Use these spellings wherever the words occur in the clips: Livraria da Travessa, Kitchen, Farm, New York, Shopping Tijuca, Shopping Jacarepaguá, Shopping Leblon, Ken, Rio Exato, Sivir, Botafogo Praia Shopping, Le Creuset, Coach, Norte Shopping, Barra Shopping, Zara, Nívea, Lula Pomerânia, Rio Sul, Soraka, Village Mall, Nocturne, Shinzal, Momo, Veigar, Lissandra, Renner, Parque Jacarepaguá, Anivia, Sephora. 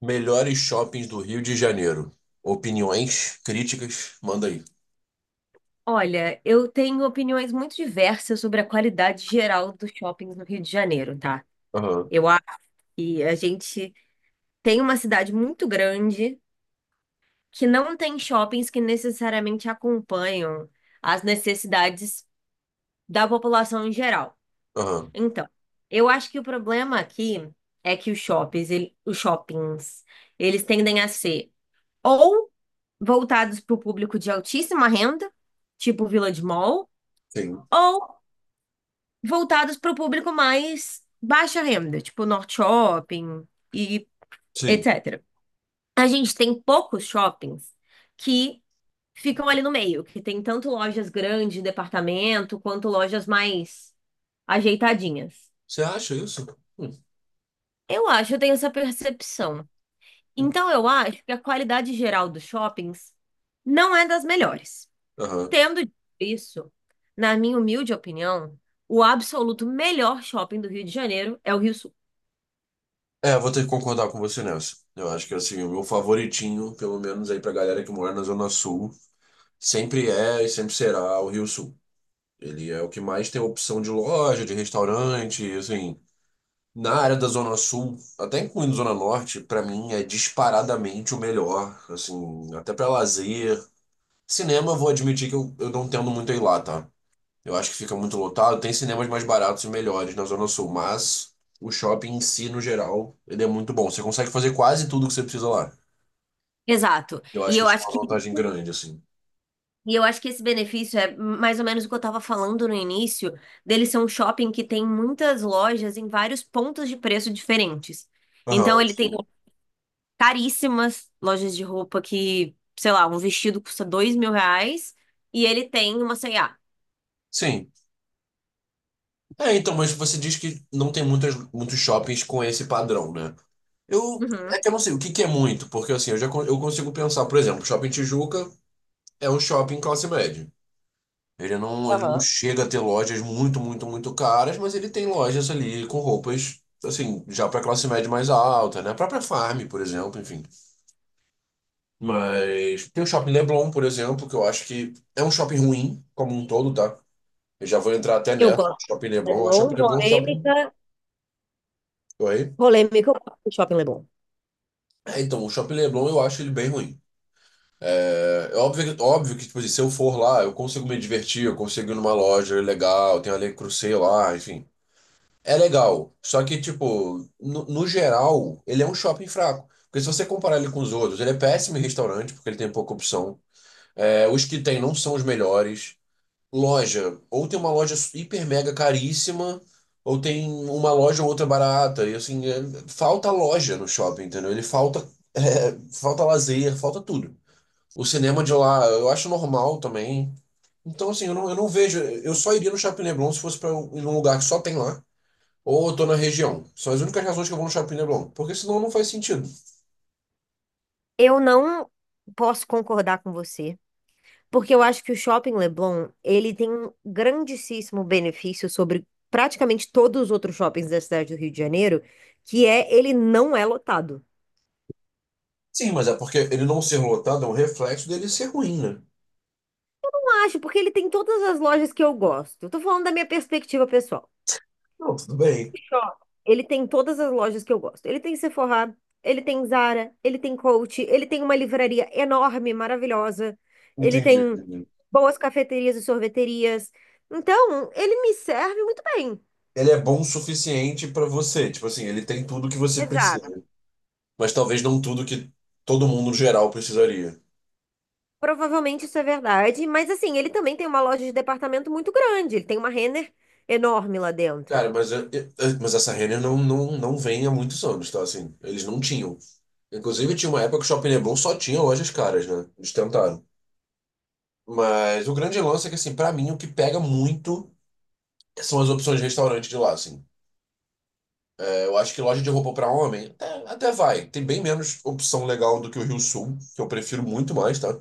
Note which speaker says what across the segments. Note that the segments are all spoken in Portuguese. Speaker 1: Melhores shoppings do Rio de Janeiro. Opiniões, críticas, manda aí.
Speaker 2: Olha, eu tenho opiniões muito diversas sobre a qualidade geral dos shoppings no Rio de Janeiro, tá?
Speaker 1: Aham,
Speaker 2: Eu acho que a gente tem uma cidade muito grande que não tem shoppings que necessariamente acompanham as necessidades da população em geral.
Speaker 1: aham,
Speaker 2: Então, eu acho que o problema aqui é que os shoppings, os shoppings, eles tendem a ser ou voltados para o público de altíssima renda, tipo Village Mall,
Speaker 1: sim,
Speaker 2: ou voltados para o público mais baixa renda, tipo Norte Shopping e
Speaker 1: sim.
Speaker 2: etc. A gente tem poucos shoppings que ficam ali no meio, que tem tanto lojas grandes de departamento quanto lojas mais ajeitadinhas.
Speaker 1: Você acha isso? Hum.
Speaker 2: Eu tenho essa percepção. Então eu acho que a qualidade geral dos shoppings não é das melhores.
Speaker 1: Aham.
Speaker 2: Tendo dito isso, na minha humilde opinião, o absoluto melhor shopping do Rio de Janeiro é o Rio.
Speaker 1: É, vou ter que concordar com você nessa. Eu acho que assim, o meu favoritinho, pelo menos aí pra galera que mora na Zona Sul, sempre é e sempre será o Rio Sul. Ele é o que mais tem opção de loja, de restaurante, assim. Na área da Zona Sul, até incluindo Zona Norte, pra mim é disparadamente o melhor, assim, até pra lazer, cinema. Eu vou admitir que eu não tendo muito a ir lá, tá? Eu acho que fica muito lotado. Tem cinemas mais baratos e melhores na Zona Sul, mas o shopping em si, no geral, ele é muito bom. Você consegue fazer quase tudo que você precisa lá.
Speaker 2: Exato.
Speaker 1: Eu
Speaker 2: E
Speaker 1: acho que
Speaker 2: eu
Speaker 1: isso é
Speaker 2: acho
Speaker 1: uma
Speaker 2: que,
Speaker 1: vantagem grande, assim.
Speaker 2: e eu acho que esse benefício é mais ou menos o que eu estava falando no início, dele ser um shopping que tem muitas lojas em vários pontos de preço diferentes. Então
Speaker 1: Aham,
Speaker 2: ele tem
Speaker 1: sim.
Speaker 2: caríssimas lojas de roupa que, sei lá, um vestido custa R$ 2.000 e ele tem uma C&A.
Speaker 1: Sim. É, então, mas você diz que não tem muitas, muitos shoppings com esse padrão, né? Eu, é
Speaker 2: Uhum.
Speaker 1: que eu não sei o que que é muito, porque assim, eu já eu consigo pensar, por exemplo, Shopping Tijuca é um shopping classe média. Ele não
Speaker 2: Aham.
Speaker 1: chega a ter lojas muito, muito, muito caras, mas ele tem lojas ali com roupas, assim, já para classe média mais alta, né? A própria Farm, por exemplo, enfim. Mas tem o Shopping Leblon, por exemplo, que eu acho que é um shopping ruim, como um todo, tá? Eu já vou entrar até
Speaker 2: Eu
Speaker 1: nessa.
Speaker 2: gosto
Speaker 1: Shopping
Speaker 2: do
Speaker 1: Leblon, a
Speaker 2: Leblon,
Speaker 1: Shopping Leblon, é um shopping.
Speaker 2: polêmica.
Speaker 1: Oi?
Speaker 2: Polêmica, eu gosto do Shopping Leblon.
Speaker 1: É, então, o Shopping Leblon eu acho ele bem ruim. É óbvio, óbvio que, tipo assim, se eu for lá, eu consigo me divertir, eu consigo ir numa loja legal, tem a Le Creuset lá, enfim. É legal, só que, tipo, no geral, ele é um shopping fraco. Porque se você comparar ele com os outros, ele é péssimo em restaurante, porque ele tem pouca opção. É, os que tem não são os melhores. Loja, ou tem uma loja hiper mega caríssima, ou tem uma loja ou outra barata. E assim, falta loja no shopping, entendeu? Ele falta, é, falta lazer, falta tudo. O cinema de lá, eu acho normal também. Então, assim, eu não vejo. Eu só iria no Shopping Leblon se fosse pra em um lugar que só tem lá. Ou eu tô na região. São as únicas razões que eu vou no Shopping Leblon. Porque senão não faz sentido.
Speaker 2: Eu não posso concordar com você, porque eu acho que o Shopping Leblon, ele tem um grandíssimo benefício sobre praticamente todos os outros shoppings da cidade do Rio de Janeiro, que é ele não é lotado.
Speaker 1: Sim, mas é porque ele não ser lotado é um reflexo dele ser ruim, né?
Speaker 2: Eu acho, porque ele tem todas as lojas que eu gosto. Eu tô falando da minha perspectiva pessoal.
Speaker 1: Não, tudo bem.
Speaker 2: O shopping, ele tem todas as lojas que eu gosto. Ele tem Sephora, ele tem Zara, ele tem Coach, ele tem uma livraria enorme, maravilhosa. Ele
Speaker 1: Entendi,
Speaker 2: tem
Speaker 1: entendi.
Speaker 2: boas cafeterias e sorveterias. Então, ele me serve muito bem.
Speaker 1: Ele é bom o suficiente pra você. Tipo assim, ele tem tudo que você precisa.
Speaker 2: Exato.
Speaker 1: Mas talvez não tudo que todo mundo no geral precisaria.
Speaker 2: Provavelmente isso é verdade, mas assim, ele também tem uma loja de departamento muito grande, ele tem uma Renner enorme lá dentro.
Speaker 1: Cara, mas, mas essa Renner não vem há muitos anos, tá? Assim, eles não tinham. Inclusive, tinha uma época que o Shopping Leblon só tinha lojas caras, né? Eles tentaram. Mas o grande lance é que, assim, pra mim, o que pega muito são as opções de restaurante de lá, assim. É, eu acho que loja de roupa pra homem até, até vai. Tem bem menos opção legal do que o Rio Sul, que eu prefiro muito mais, tá?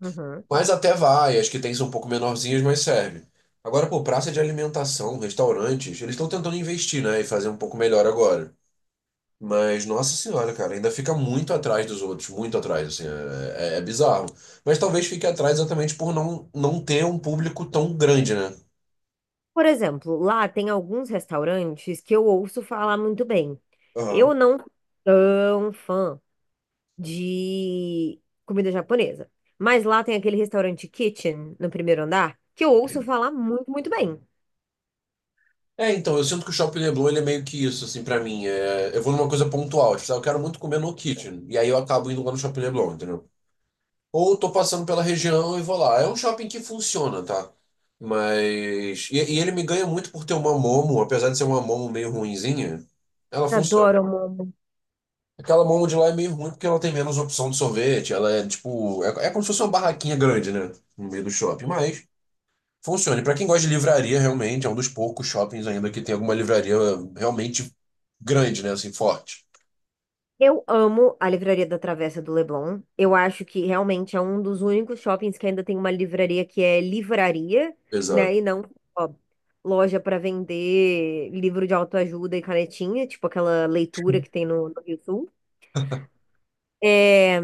Speaker 2: Uhum.
Speaker 1: Mas até vai. As que tem são um pouco menorzinhas, mas serve. Agora, pô, praça de alimentação, restaurantes, eles estão tentando investir, né? E fazer um pouco melhor agora. Mas, nossa senhora, cara, ainda fica muito atrás dos outros, muito atrás, assim, é bizarro. Mas talvez fique atrás exatamente por não ter um público tão grande, né?
Speaker 2: Por exemplo, lá tem alguns restaurantes que eu ouço falar muito bem. Eu
Speaker 1: Aham.
Speaker 2: não sou tão fã de comida japonesa, mas lá tem aquele restaurante Kitchen no primeiro andar que eu ouço falar muito, muito bem.
Speaker 1: É, então, eu sinto que o Shopping Leblon ele é meio que isso, assim, pra mim. É, eu vou numa coisa pontual, tipo, "Ah, eu quero muito comer no Kitchen", e aí eu acabo indo lá no Shopping Leblon, entendeu? Ou eu tô passando pela região e vou lá. É um shopping que funciona, tá? Mas. E ele me ganha muito por ter uma Momo, apesar de ser uma Momo meio ruinzinha, ela funciona.
Speaker 2: Adoro, amor.
Speaker 1: Aquela Momo de lá é meio ruim porque ela tem menos opção de sorvete, ela é tipo. É, é como se fosse uma barraquinha grande, né? No meio do shopping, mas. Funcione. Para quem gosta de livraria, realmente, é um dos poucos shoppings ainda que tem alguma livraria realmente grande, né? Assim, forte.
Speaker 2: Eu amo a Livraria da Travessa do Leblon. Eu acho que realmente é um dos únicos shoppings que ainda tem uma livraria que é livraria, né?
Speaker 1: Exato.
Speaker 2: E não ó, loja para vender livro de autoajuda e canetinha, tipo aquela leitura que tem no Rio Sul. É,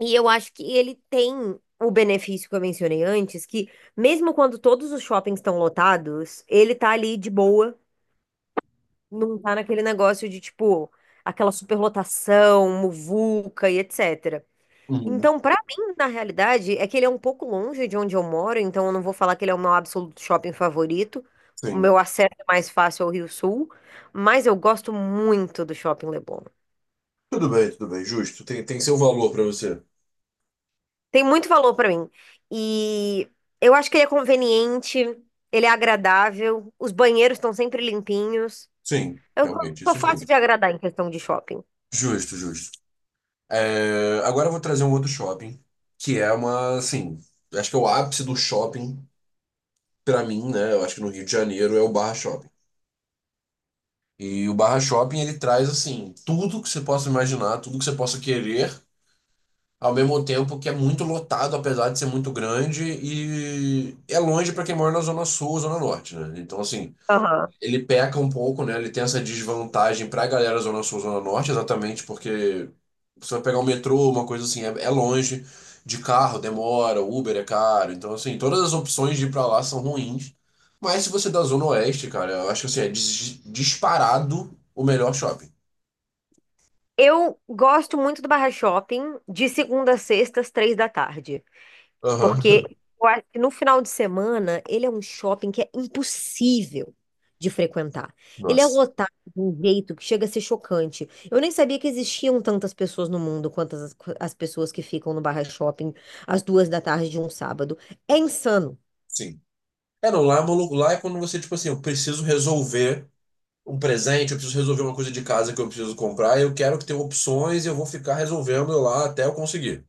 Speaker 2: e eu acho que ele tem o benefício que eu mencionei antes, que mesmo quando todos os shoppings estão lotados, ele tá ali de boa, não tá naquele negócio de tipo aquela superlotação, muvuca e etc.
Speaker 1: Uhum.
Speaker 2: Então, pra mim, na realidade, é que ele é um pouco longe de onde eu moro, então eu não vou falar que ele é o meu absoluto shopping favorito. O
Speaker 1: Sim.
Speaker 2: meu acesso é mais fácil ao Rio Sul, mas eu gosto muito do Shopping Leblon.
Speaker 1: Tudo bem, tudo bem. Justo. Tem, tem seu valor para você.
Speaker 2: Tem muito valor pra mim. E eu acho que ele é conveniente, ele é agradável, os banheiros estão sempre limpinhos.
Speaker 1: Sim,
Speaker 2: Eu sou
Speaker 1: realmente,
Speaker 2: sou
Speaker 1: isso
Speaker 2: fácil
Speaker 1: sim.
Speaker 2: de agradar em questão de shopping.
Speaker 1: Justo, justo. É, agora eu vou trazer um outro shopping, que é uma, assim, acho que é o ápice do shopping, para mim, né? Eu acho que no Rio de Janeiro é o Barra Shopping. E o Barra Shopping, ele traz, assim, tudo que você possa imaginar, tudo que você possa querer. Ao mesmo tempo que é muito lotado, apesar de ser muito grande, e é longe para quem mora na Zona Sul ou Zona Norte, né? Então, assim,
Speaker 2: Aham.
Speaker 1: ele peca um pouco, né? Ele tem essa desvantagem para a galera Zona Sul, Zona Norte, exatamente porque você vai pegar um metrô, uma coisa assim, é longe, de carro demora, Uber é caro. Então, assim, todas as opções de ir para lá são ruins. Mas se você é da Zona Oeste, cara, eu acho que assim, é disparado o melhor shopping.
Speaker 2: Eu gosto muito do Barra Shopping de segunda a sexta, às 3 da tarde.
Speaker 1: Aham.
Speaker 2: Porque eu acho que no final de semana ele é um shopping que é impossível de frequentar. Ele é
Speaker 1: Nossa,
Speaker 2: lotado de um jeito que chega a ser chocante. Eu nem sabia que existiam tantas pessoas no mundo quantas as pessoas que ficam no Barra Shopping às 2 da tarde de um sábado. É insano.
Speaker 1: sim. É, não, lá é maluco. Lá é quando você, tipo assim, eu preciso resolver um presente, eu preciso resolver uma coisa de casa que eu preciso comprar, eu quero que tenha opções e eu vou ficar resolvendo lá até eu conseguir.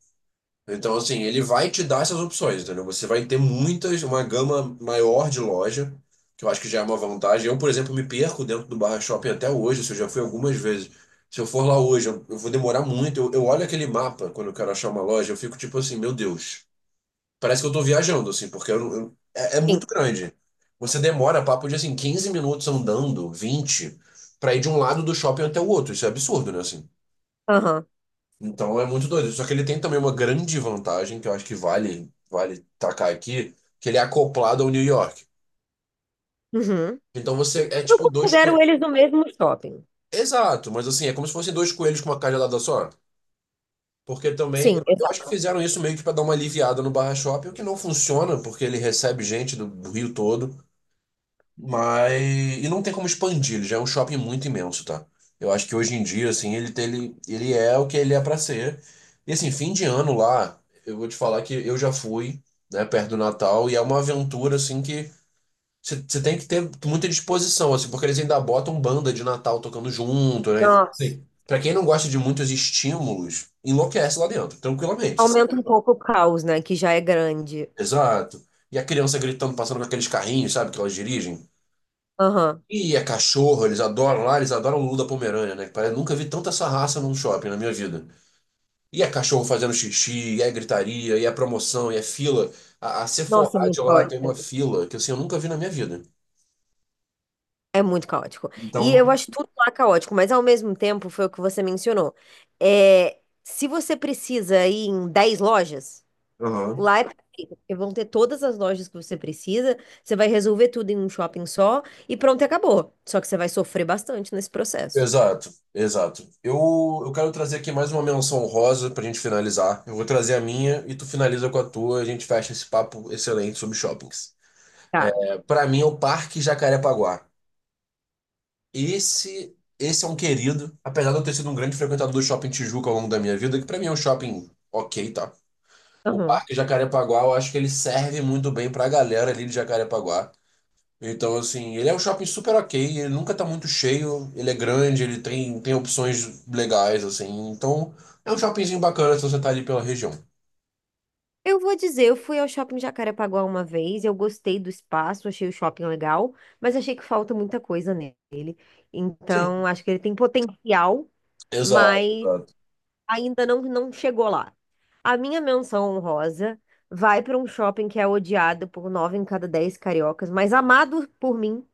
Speaker 1: Então, assim, ele vai te dar essas opções, entendeu? Você vai ter muitas, uma gama maior de loja, que eu acho que já é uma vantagem. Eu, por exemplo, me perco dentro do Barra Shopping até hoje, se eu já fui algumas vezes. Se eu for lá hoje, eu vou demorar muito. Eu olho aquele mapa quando eu quero achar uma loja, eu fico tipo assim, meu Deus. Parece que eu tô viajando, assim, porque é, é muito
Speaker 2: Sim.
Speaker 1: grande. Você demora papo de, assim, 15 minutos andando, 20, pra ir de um lado do shopping até o outro. Isso é absurdo, né, assim?
Speaker 2: Aham.
Speaker 1: Então é muito doido. Só que ele tem também uma grande vantagem, que eu acho que vale, vale tacar aqui, que ele é acoplado ao New York.
Speaker 2: Uhum.
Speaker 1: Então você é
Speaker 2: Eu
Speaker 1: tipo dois
Speaker 2: considero
Speaker 1: coelhos.
Speaker 2: eles no mesmo shopping.
Speaker 1: Exato, mas assim, é como se fossem dois coelhos com uma cajadada só. Porque também,
Speaker 2: Sim,
Speaker 1: eu acho que
Speaker 2: exato.
Speaker 1: fizeram isso meio que pra dar uma aliviada no Barra Shopping, o que não funciona, porque ele recebe gente do Rio todo. Mas. E não tem como expandir, ele já é um shopping muito imenso, tá? Eu acho que hoje em dia, assim, ele, ele é o que ele é pra ser. E assim, fim de ano lá, eu vou te falar que eu já fui, né, perto do Natal, e é uma aventura, assim, que você tem que ter muita disposição, assim, porque eles ainda botam banda de Natal tocando junto, né?
Speaker 2: Nossa.
Speaker 1: Sim. Pra quem não gosta de muitos estímulos, enlouquece lá dentro, tranquilamente, assim.
Speaker 2: Aumenta um pouco o caos, né? Que já é grande.
Speaker 1: Exato. E a criança gritando, passando com aqueles carrinhos, sabe, que elas dirigem.
Speaker 2: Aham.
Speaker 1: E é cachorro, eles adoram lá, eles adoram o Lula Pomerânia, né? Parece, nunca vi tanta essa raça num shopping na minha vida. E é cachorro fazendo xixi, e é gritaria, e é promoção, e é fila. A
Speaker 2: Nossa, é
Speaker 1: Sephora de
Speaker 2: muito
Speaker 1: lá
Speaker 2: forte.
Speaker 1: tem uma fila que assim, eu nunca vi na minha vida.
Speaker 2: É muito caótico. E eu
Speaker 1: Então,
Speaker 2: acho tudo lá é caótico, mas ao mesmo tempo, foi o que você mencionou. É, se você precisa ir em 10 lojas,
Speaker 1: aham.
Speaker 2: lá é perfeito, porque vão ter todas as lojas que você precisa, você vai resolver tudo em um shopping só e pronto, acabou. Só que você vai sofrer bastante nesse processo.
Speaker 1: Exato, exato. Eu quero trazer aqui mais uma menção honrosa pra gente finalizar. Eu vou trazer a minha e tu finaliza com a tua, a gente fecha esse papo excelente sobre shoppings.
Speaker 2: Tá.
Speaker 1: É, pra mim é o Parque Jacarepaguá. Esse é um querido, apesar de eu ter sido um grande frequentador do Shopping Tijuca ao longo da minha vida, que pra mim é um shopping ok, tá? O
Speaker 2: Aham.
Speaker 1: Parque Jacarepaguá, eu acho que ele serve muito bem pra galera ali de Jacarepaguá. Então, assim, ele é um shopping super ok, ele nunca tá muito cheio, ele é grande, tem opções legais, assim. Então, é um shoppingzinho bacana se você tá ali pela região.
Speaker 2: Eu vou dizer, eu fui ao shopping Jacarepaguá uma vez, eu gostei do espaço, achei o shopping legal, mas achei que falta muita coisa nele.
Speaker 1: Sim,
Speaker 2: Então, acho que ele tem potencial,
Speaker 1: exato,
Speaker 2: mas
Speaker 1: exato.
Speaker 2: ainda não chegou lá. A minha menção honrosa vai para um shopping que é odiado por 9 em cada 10 cariocas, mas amado por mim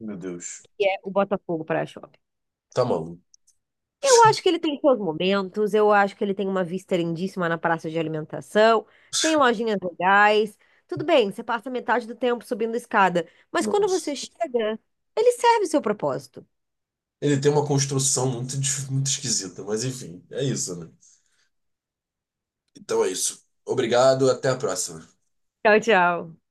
Speaker 1: Meu Deus.
Speaker 2: é o Botafogo Praia Shopping.
Speaker 1: Tá maluco.
Speaker 2: Eu acho que ele tem seus momentos, eu acho que ele tem uma vista lindíssima na praça de alimentação, tem lojinhas legais. Tudo bem, você passa metade do tempo subindo escada, mas quando você
Speaker 1: Nossa.
Speaker 2: chega, ele serve o seu propósito.
Speaker 1: Ele tem uma construção muito, muito esquisita, mas enfim, é isso, né? Então é isso. Obrigado, até a próxima.
Speaker 2: Tchau, tchau.